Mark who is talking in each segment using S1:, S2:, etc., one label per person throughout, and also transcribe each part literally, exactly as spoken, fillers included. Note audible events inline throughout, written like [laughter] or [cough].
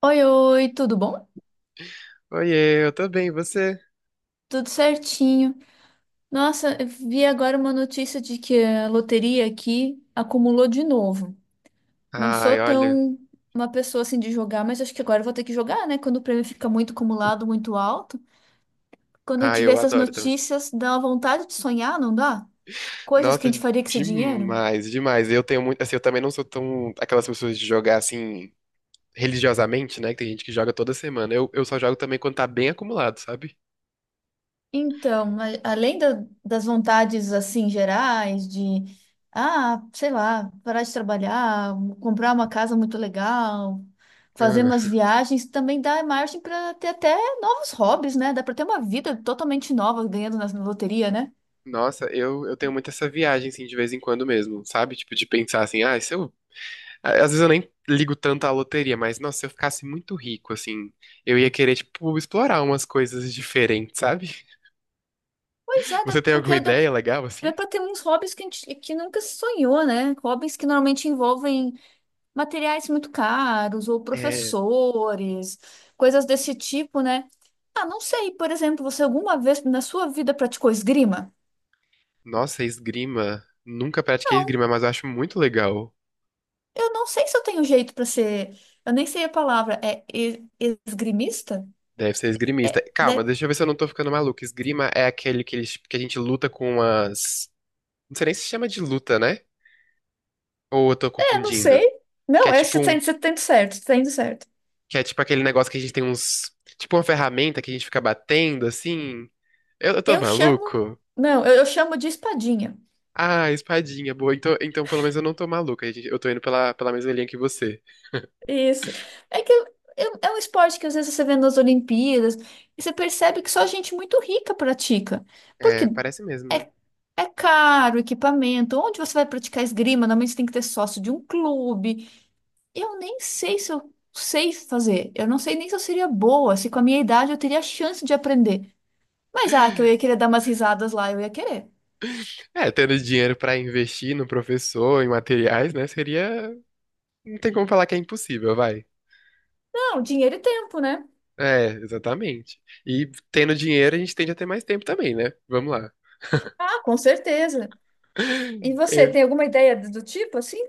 S1: Oi, oi, tudo bom?
S2: Oiê, eu tô bem, e você?
S1: Tudo certinho. Nossa, eu vi agora uma notícia de que a loteria aqui acumulou de novo. Não sou
S2: Ai, olha.
S1: tão uma pessoa assim de jogar, mas acho que agora eu vou ter que jogar, né? Quando o prêmio fica muito acumulado, muito alto. Quando a gente
S2: Ai,
S1: vê
S2: eu
S1: essas
S2: adoro também.
S1: notícias, dá uma vontade de sonhar, não dá? Coisas que a gente
S2: Nossa,
S1: faria com esse dinheiro.
S2: demais, demais. Eu tenho muito. Assim, eu também não sou tão. Aquelas pessoas de jogar assim, religiosamente, né? Que tem gente que joga toda semana. Eu, eu só jogo também quando tá bem acumulado, sabe?
S1: Então, mas além da- das vontades assim gerais de, ah, sei lá, parar de trabalhar, comprar uma casa muito legal, fazer
S2: Ah,
S1: umas viagens, também dá margem para ter até novos hobbies, né? Dá para ter uma vida totalmente nova ganhando na na loteria, né?
S2: nossa, eu, eu tenho muito essa viagem, assim, de vez em quando mesmo, sabe? Tipo, de pensar assim, ah, se eu. Às vezes eu nem ligo tanto à loteria, mas, nossa, se eu ficasse muito rico, assim, eu ia querer, tipo, explorar umas coisas diferentes, sabe?
S1: Pois
S2: [laughs]
S1: é, dá,
S2: Você tem alguma
S1: porque dá,
S2: ideia legal,
S1: dá
S2: assim?
S1: para ter uns hobbies que a gente que nunca se sonhou, né? Hobbies que normalmente envolvem materiais muito caros ou
S2: É.
S1: professores, coisas desse tipo, né? Ah, não sei, por exemplo, você alguma vez na sua vida praticou esgrima?
S2: Nossa, esgrima. Nunca pratiquei
S1: Não,
S2: esgrima, mas eu acho muito legal.
S1: eu não sei se eu tenho jeito para ser. Eu nem sei a palavra. É e- esgrimista?
S2: Deve ser esgrimista.
S1: É,
S2: Calma,
S1: de-
S2: deixa eu ver se eu não tô ficando maluco. Esgrima é aquele que, eles, que a gente luta com as. Não sei nem se chama de luta, né? Ou eu tô
S1: é, não sei.
S2: confundindo? Que
S1: Não,
S2: é
S1: é,
S2: tipo
S1: você tá
S2: um.
S1: indo você tá indo certo, você tá indo certo.
S2: Que é tipo aquele negócio que a gente tem uns. Tipo uma ferramenta que a gente fica batendo, assim. Eu, eu tô
S1: Eu chamo.
S2: maluco?
S1: Não, eu, eu chamo de espadinha.
S2: Ah, espadinha, boa. Então, então pelo menos eu não tô maluco. A gente- Eu tô indo pela, pela mesma linha que você.
S1: Isso. É que é, é um esporte que às vezes você vê nas Olimpíadas e você percebe que só gente muito rica pratica. Porque
S2: É, parece mesmo, né?
S1: é, é caro o equipamento. Onde você vai praticar esgrima? Normalmente você tem que ter sócio de um clube. Eu nem sei se eu sei fazer. Eu não sei nem se eu seria boa, se com a minha idade eu teria a chance de aprender. Mas ah, que eu ia querer dar umas risadas lá, eu ia querer.
S2: É, tendo dinheiro pra investir no professor, em materiais, né? Seria não tem como falar que é impossível, vai.
S1: Não, dinheiro e tempo, né?
S2: É, exatamente. E tendo dinheiro, a gente tende a ter mais tempo também, né? Vamos lá.
S1: Ah, com certeza. E
S2: [laughs]
S1: você
S2: Eu-
S1: tem alguma ideia do do tipo assim?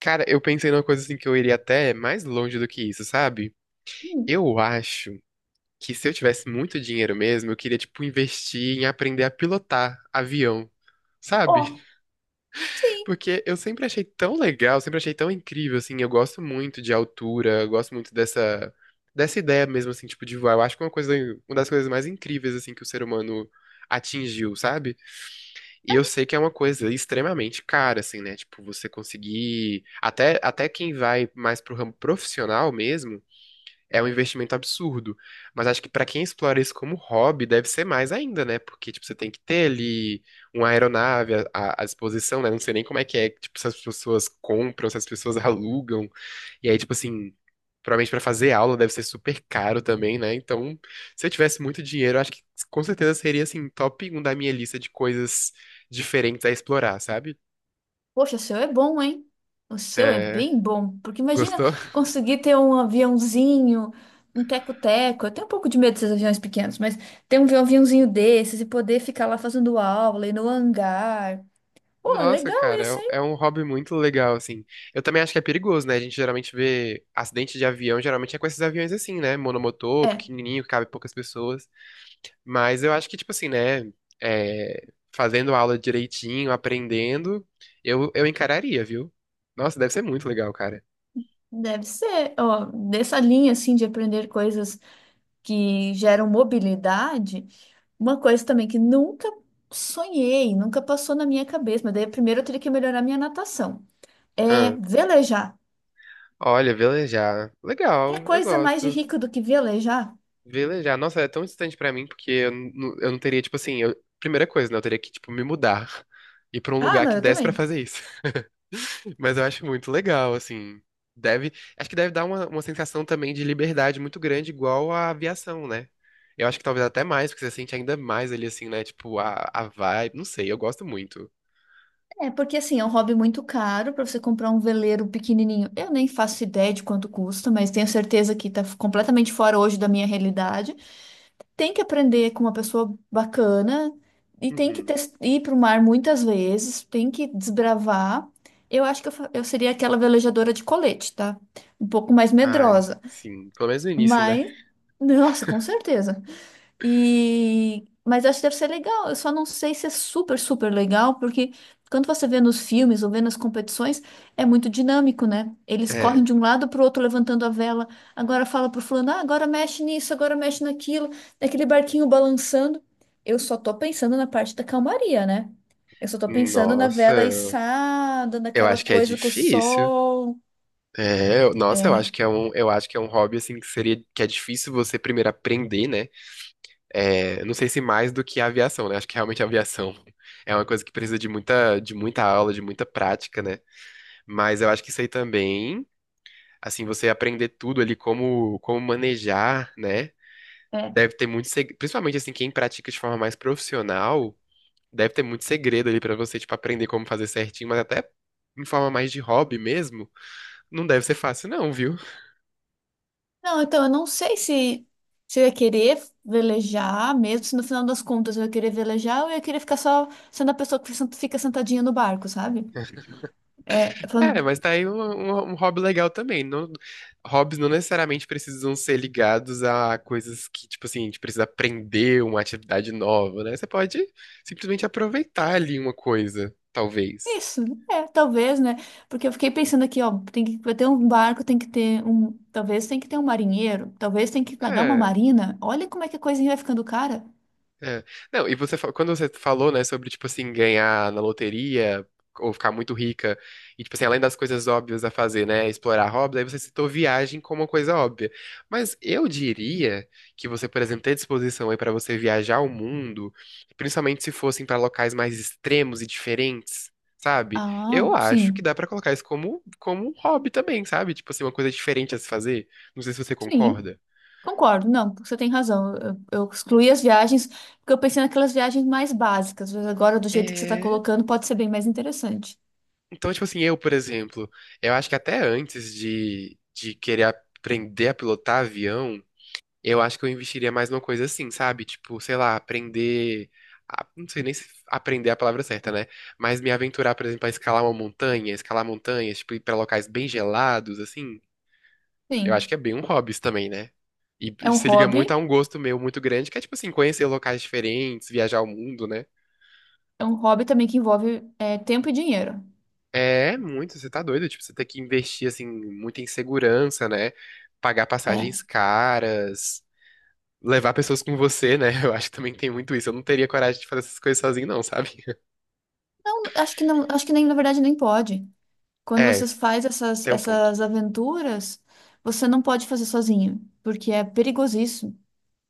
S2: cara, eu pensei numa coisa assim que eu iria até mais longe do que isso, sabe?
S1: Hum.
S2: Eu acho que se eu tivesse muito dinheiro mesmo, eu queria, tipo, investir em aprender a pilotar avião, sabe?
S1: Ó.
S2: Porque eu sempre achei tão legal, sempre achei tão incrível, assim, eu gosto muito de altura, eu gosto muito dessa, dessa ideia mesmo, assim, tipo, de voar. Eu acho que é uma coisa, uma das coisas mais incríveis, assim, que o ser humano atingiu, sabe? E eu sei que é uma coisa extremamente cara, assim, né? Tipo, você conseguir, até, até quem vai mais pro ramo profissional mesmo, é um investimento absurdo. Mas acho que para quem explora isso como hobby, deve ser mais ainda, né? Porque, tipo, você tem que ter ali uma aeronave à, à- à disposição, né? Não sei nem como é que é, tipo, se as pessoas compram, se as pessoas [laughs] alugam. E aí, tipo assim, provavelmente para fazer aula deve ser super caro também, né? Então, se eu tivesse muito dinheiro, eu acho que com certeza seria, assim, top um da minha lista de coisas diferentes a explorar, sabe?
S1: Poxa, o seu é bom, hein? O seu é
S2: É.
S1: bem bom. Porque imagina
S2: Gostou?
S1: conseguir ter um aviãozinho, um teco-teco. Eu tenho um pouco de medo desses aviões pequenos, mas ter um aviãozinho desses e poder ficar lá fazendo aula e no hangar. Pô,
S2: Nossa,
S1: legal
S2: cara,
S1: esse,
S2: é
S1: hein?
S2: é um hobby muito legal, assim. Eu também acho que é perigoso, né? A gente geralmente vê acidente de avião, geralmente é com esses aviões assim, né? Monomotor,
S1: É,
S2: pequenininho, que cabe poucas pessoas. Mas eu acho que, tipo assim, né? É, fazendo aula direitinho, aprendendo, eu, eu encararia, viu? Nossa, deve ser muito legal, cara.
S1: deve ser. Ó, dessa linha, assim, de aprender coisas que geram mobilidade, uma coisa também que nunca sonhei, nunca passou na minha cabeça, mas daí primeiro eu teria que melhorar minha natação. É
S2: Ah,
S1: velejar.
S2: olha, velejar.
S1: Que
S2: Legal, eu
S1: coisa mais de
S2: gosto.
S1: rico do que velejar?
S2: Velejar. Nossa, é tão distante pra mim, porque eu, não- eu não teria, tipo assim, eu- primeira coisa, né? Eu teria que, tipo, me mudar. [laughs] Ir pra um
S1: Ah,
S2: lugar
S1: não,
S2: que
S1: eu
S2: desse pra
S1: também.
S2: fazer isso. Mas eu acho muito legal, assim. Deve, acho que deve dar uma, uma sensação também de liberdade muito grande, igual a aviação, né? Eu acho que talvez até mais, porque você sente ainda mais ali, assim, né? Tipo, a, a vibe. Não sei, eu gosto muito.
S1: É, porque assim, é um hobby muito caro para você comprar um veleiro pequenininho. Eu nem faço ideia de quanto custa, mas tenho certeza que tá completamente fora hoje da minha realidade. Tem que aprender com uma pessoa bacana e tem que
S2: Uhum.
S1: tes- ir para o mar muitas vezes, tem que desbravar. Eu acho que eu, fa- eu seria aquela velejadora de colete, tá? Um pouco mais
S2: Ai,
S1: medrosa,
S2: sim. Pelo menos no início, né?
S1: mas nossa, com certeza. E... Mas eu acho que deve ser legal. Eu só não sei se é super, super legal, porque quando você vê nos filmes ou vê nas competições, é muito dinâmico, né? Eles correm
S2: É.
S1: de um lado para o outro levantando a vela. Agora fala pro fulano, ah, agora mexe nisso, agora mexe naquilo, daquele barquinho balançando. Eu só tô pensando na parte da calmaria, né? Eu só tô pensando na vela
S2: Nossa,
S1: içada,
S2: eu
S1: naquela
S2: acho que é
S1: coisa com o
S2: difícil.
S1: sol.
S2: É, eu- nossa, eu
S1: É.
S2: acho que é um, eu acho que é um hobby assim que seria que é difícil você primeiro aprender, né? É, não sei se mais do que a aviação, né? Acho que realmente a aviação [laughs] é uma coisa que precisa de muita, de muita aula, de muita prática, né? Mas eu acho que isso aí também, assim, você aprender tudo ali, como, como manejar, né?
S1: é.
S2: Deve ter muito segredo, principalmente assim, quem pratica de forma mais profissional, deve ter muito segredo ali pra você, tipo, aprender como fazer certinho, mas até em forma mais de hobby mesmo, não deve ser fácil, não, viu?
S1: Não, então eu não sei se, se eu ia querer velejar, mesmo se no final das contas eu ia querer velejar ou eu ia querer ficar só sendo a pessoa que sent- fica sentadinha no barco, sabe? É,
S2: É,
S1: falando,
S2: mas tá aí um, um- um hobby legal também. Não, hobbies não necessariamente precisam ser ligados a coisas que, tipo assim, a gente precisa aprender uma atividade nova, né? Você pode simplesmente aproveitar ali uma coisa, talvez.
S1: isso, é, talvez, né? Porque eu fiquei pensando aqui, ó, tem que vai ter um barco, tem que ter um. Talvez tem que ter um marinheiro, talvez tem que pagar uma
S2: É.
S1: marina. Olha como é que a coisinha vai ficando cara.
S2: É. Não, e você, fa- quando você falou, né, sobre, tipo assim, ganhar na loteria ou ficar muito rica, e, tipo assim, além das coisas óbvias a fazer, né, explorar hobbies, aí você citou viagem como uma coisa óbvia. Mas eu diria que você, por exemplo, ter disposição aí para você viajar o mundo, principalmente se fossem para locais mais extremos e diferentes, sabe?
S1: Ah,
S2: Eu acho que
S1: sim,
S2: dá para colocar isso como, como um hobby também, sabe? Tipo assim, uma coisa diferente a se fazer. Não sei se você
S1: sim.
S2: concorda.
S1: Concordo, não, você tem razão. Eu, eu excluí as viagens porque eu pensei naquelas viagens mais básicas, mas agora, do jeito que você está
S2: É.
S1: colocando, pode ser bem mais interessante.
S2: Então, tipo assim, eu, por exemplo, eu acho que até antes de, de querer aprender a pilotar avião, eu acho que eu investiria mais numa coisa assim, sabe? Tipo, sei lá, aprender. A- não sei nem se aprender é a palavra certa, né? Mas me aventurar, por exemplo, a escalar uma montanha, escalar montanhas, tipo, ir pra locais bem gelados, assim. Eu acho
S1: Sim,
S2: que é bem um hobby isso também, né? E
S1: é um
S2: se liga muito a
S1: hobby,
S2: um gosto meu muito grande, que é, tipo assim, conhecer locais diferentes, viajar o mundo, né?
S1: é um hobby também que envolve é, tempo e dinheiro.
S2: É muito, você tá doido, tipo, você tem que investir, assim, muito em segurança, né? Pagar
S1: É.
S2: passagens caras, levar pessoas com você, né? [laughs] Eu acho que também tem muito isso. Eu não teria coragem de fazer essas coisas sozinho, não, sabe?
S1: Não, acho que não, acho que nem, na verdade, nem pode. Quando
S2: É,
S1: você faz essas,
S2: tem um ponto.
S1: essas aventuras, você não pode fazer sozinho, porque é perigosíssimo.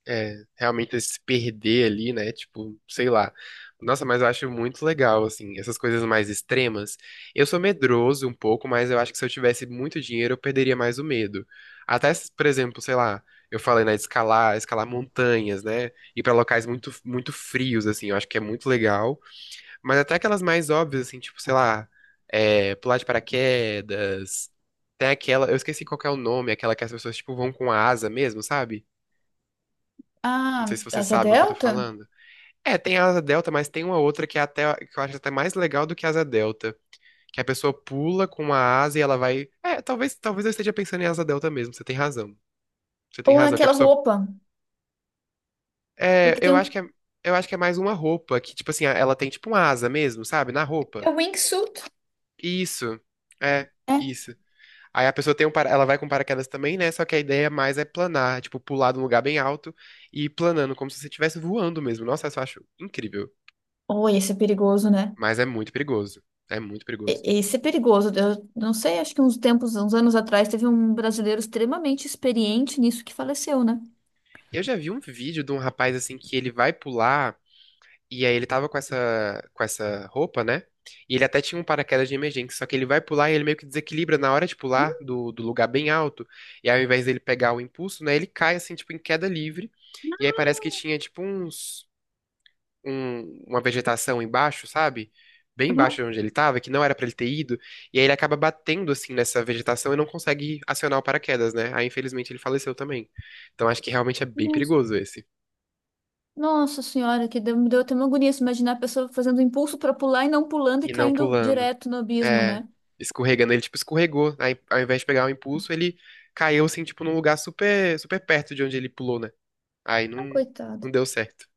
S2: É, realmente se perder ali, né? Tipo, sei lá. Nossa, mas eu acho muito legal, assim, essas coisas mais extremas. Eu sou medroso um pouco, mas eu acho que se eu tivesse muito dinheiro, eu perderia mais o medo. Até, se, por exemplo, sei lá, eu falei, né, de escalar, escalar montanhas, né? Ir pra locais muito, muito frios, assim, eu acho que é muito legal. Mas até aquelas mais óbvias, assim, tipo, sei lá, é, pular de paraquedas. Tem aquela, eu esqueci qual que é o nome, aquela que as pessoas, tipo, vão com a asa mesmo, sabe? Não
S1: Ah,
S2: sei se você
S1: asa
S2: sabe o que eu tô
S1: delta?
S2: falando. É, tem a asa delta, mas tem uma outra que é até que eu acho até mais legal do que a asa delta, que a pessoa pula com uma asa e ela vai. É, talvez talvez eu esteja pensando em asa delta mesmo. Você tem razão. Você tem
S1: Ou
S2: razão. Que a
S1: aquela
S2: pessoa.
S1: roupa,
S2: É,
S1: porque tem
S2: eu acho que é,
S1: um.
S2: eu acho que é mais uma roupa que tipo assim ela tem tipo uma asa mesmo, sabe? Na
S1: É
S2: roupa.
S1: um wingsuit.
S2: Isso. É
S1: É.
S2: isso. Aí a pessoa tem um, para- ela vai com paraquedas também, né? Só que a ideia mais é planar, tipo pular de um lugar bem alto e ir planando como se você estivesse voando mesmo. Nossa, eu só acho incrível.
S1: Oi, esse é perigoso, né?
S2: Mas é muito perigoso. É muito perigoso.
S1: E- Isso é perigoso. Eu não sei, acho que uns tempos, uns anos atrás, teve um brasileiro extremamente experiente nisso que faleceu, né?
S2: Eu já vi um vídeo de um rapaz assim que ele vai pular e aí ele tava com essa com essa roupa, né? E ele até tinha um paraquedas de emergência, só que ele vai pular e ele meio que desequilibra na hora de pular do, do lugar bem alto. E aí, ao invés dele pegar o impulso, né, ele cai assim tipo em queda livre. E aí parece que tinha tipo uns um- uma vegetação embaixo, sabe? Bem embaixo
S1: Aham.
S2: de onde ele estava, que não era pra ele ter ido, e aí ele acaba batendo assim nessa vegetação e não consegue acionar o paraquedas, né? Aí infelizmente ele faleceu também. Então acho que realmente é bem
S1: Nossa,
S2: perigoso esse.
S1: nossa senhora, que deu, me deu até uma agonia se imaginar a pessoa fazendo impulso para pular e não pulando e
S2: E não
S1: caindo
S2: pulando.
S1: direto no abismo,
S2: É,
S1: né?
S2: escorregando, ele tipo escorregou, aí ao invés de pegar o impulso, ele caiu assim tipo num lugar super super perto de onde ele pulou, né? Aí
S1: Ah,
S2: não não
S1: coitado.
S2: deu certo.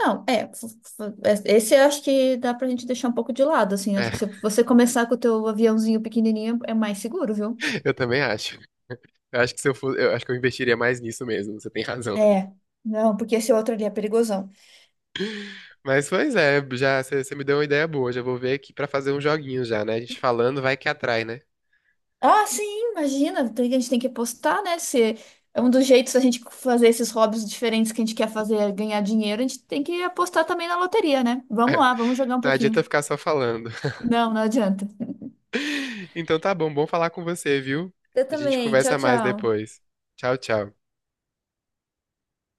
S1: Não, é, f- f- é, esse eu acho que dá pra gente deixar um pouco de lado, assim. Acho
S2: É,
S1: que se você começar com o teu aviãozinho pequenininho é mais seguro, viu?
S2: [laughs] eu também acho. Eu acho que se eu fosse, eu acho que eu investiria mais nisso mesmo, você tem razão.
S1: É, não, porque esse outro ali é perigoso.
S2: Mas pois é, já você me deu uma ideia boa. Já vou ver aqui pra fazer um joguinho já, né? A gente falando vai que atrai, né?
S1: Ah, sim, imagina. tem- A gente tem que postar, né? Se é um dos jeitos da gente fazer esses hobbies diferentes que a gente quer fazer, é ganhar dinheiro, a gente tem que apostar também na loteria, né? Vamos
S2: [laughs]
S1: lá, vamos jogar um
S2: Não adianta
S1: pouquinho.
S2: ficar só falando. [laughs]
S1: Não, não adianta.
S2: Então tá bom, bom falar com você, viu?
S1: Eu
S2: A gente
S1: também. Tchau,
S2: conversa mais
S1: tchau.
S2: depois. Tchau, tchau.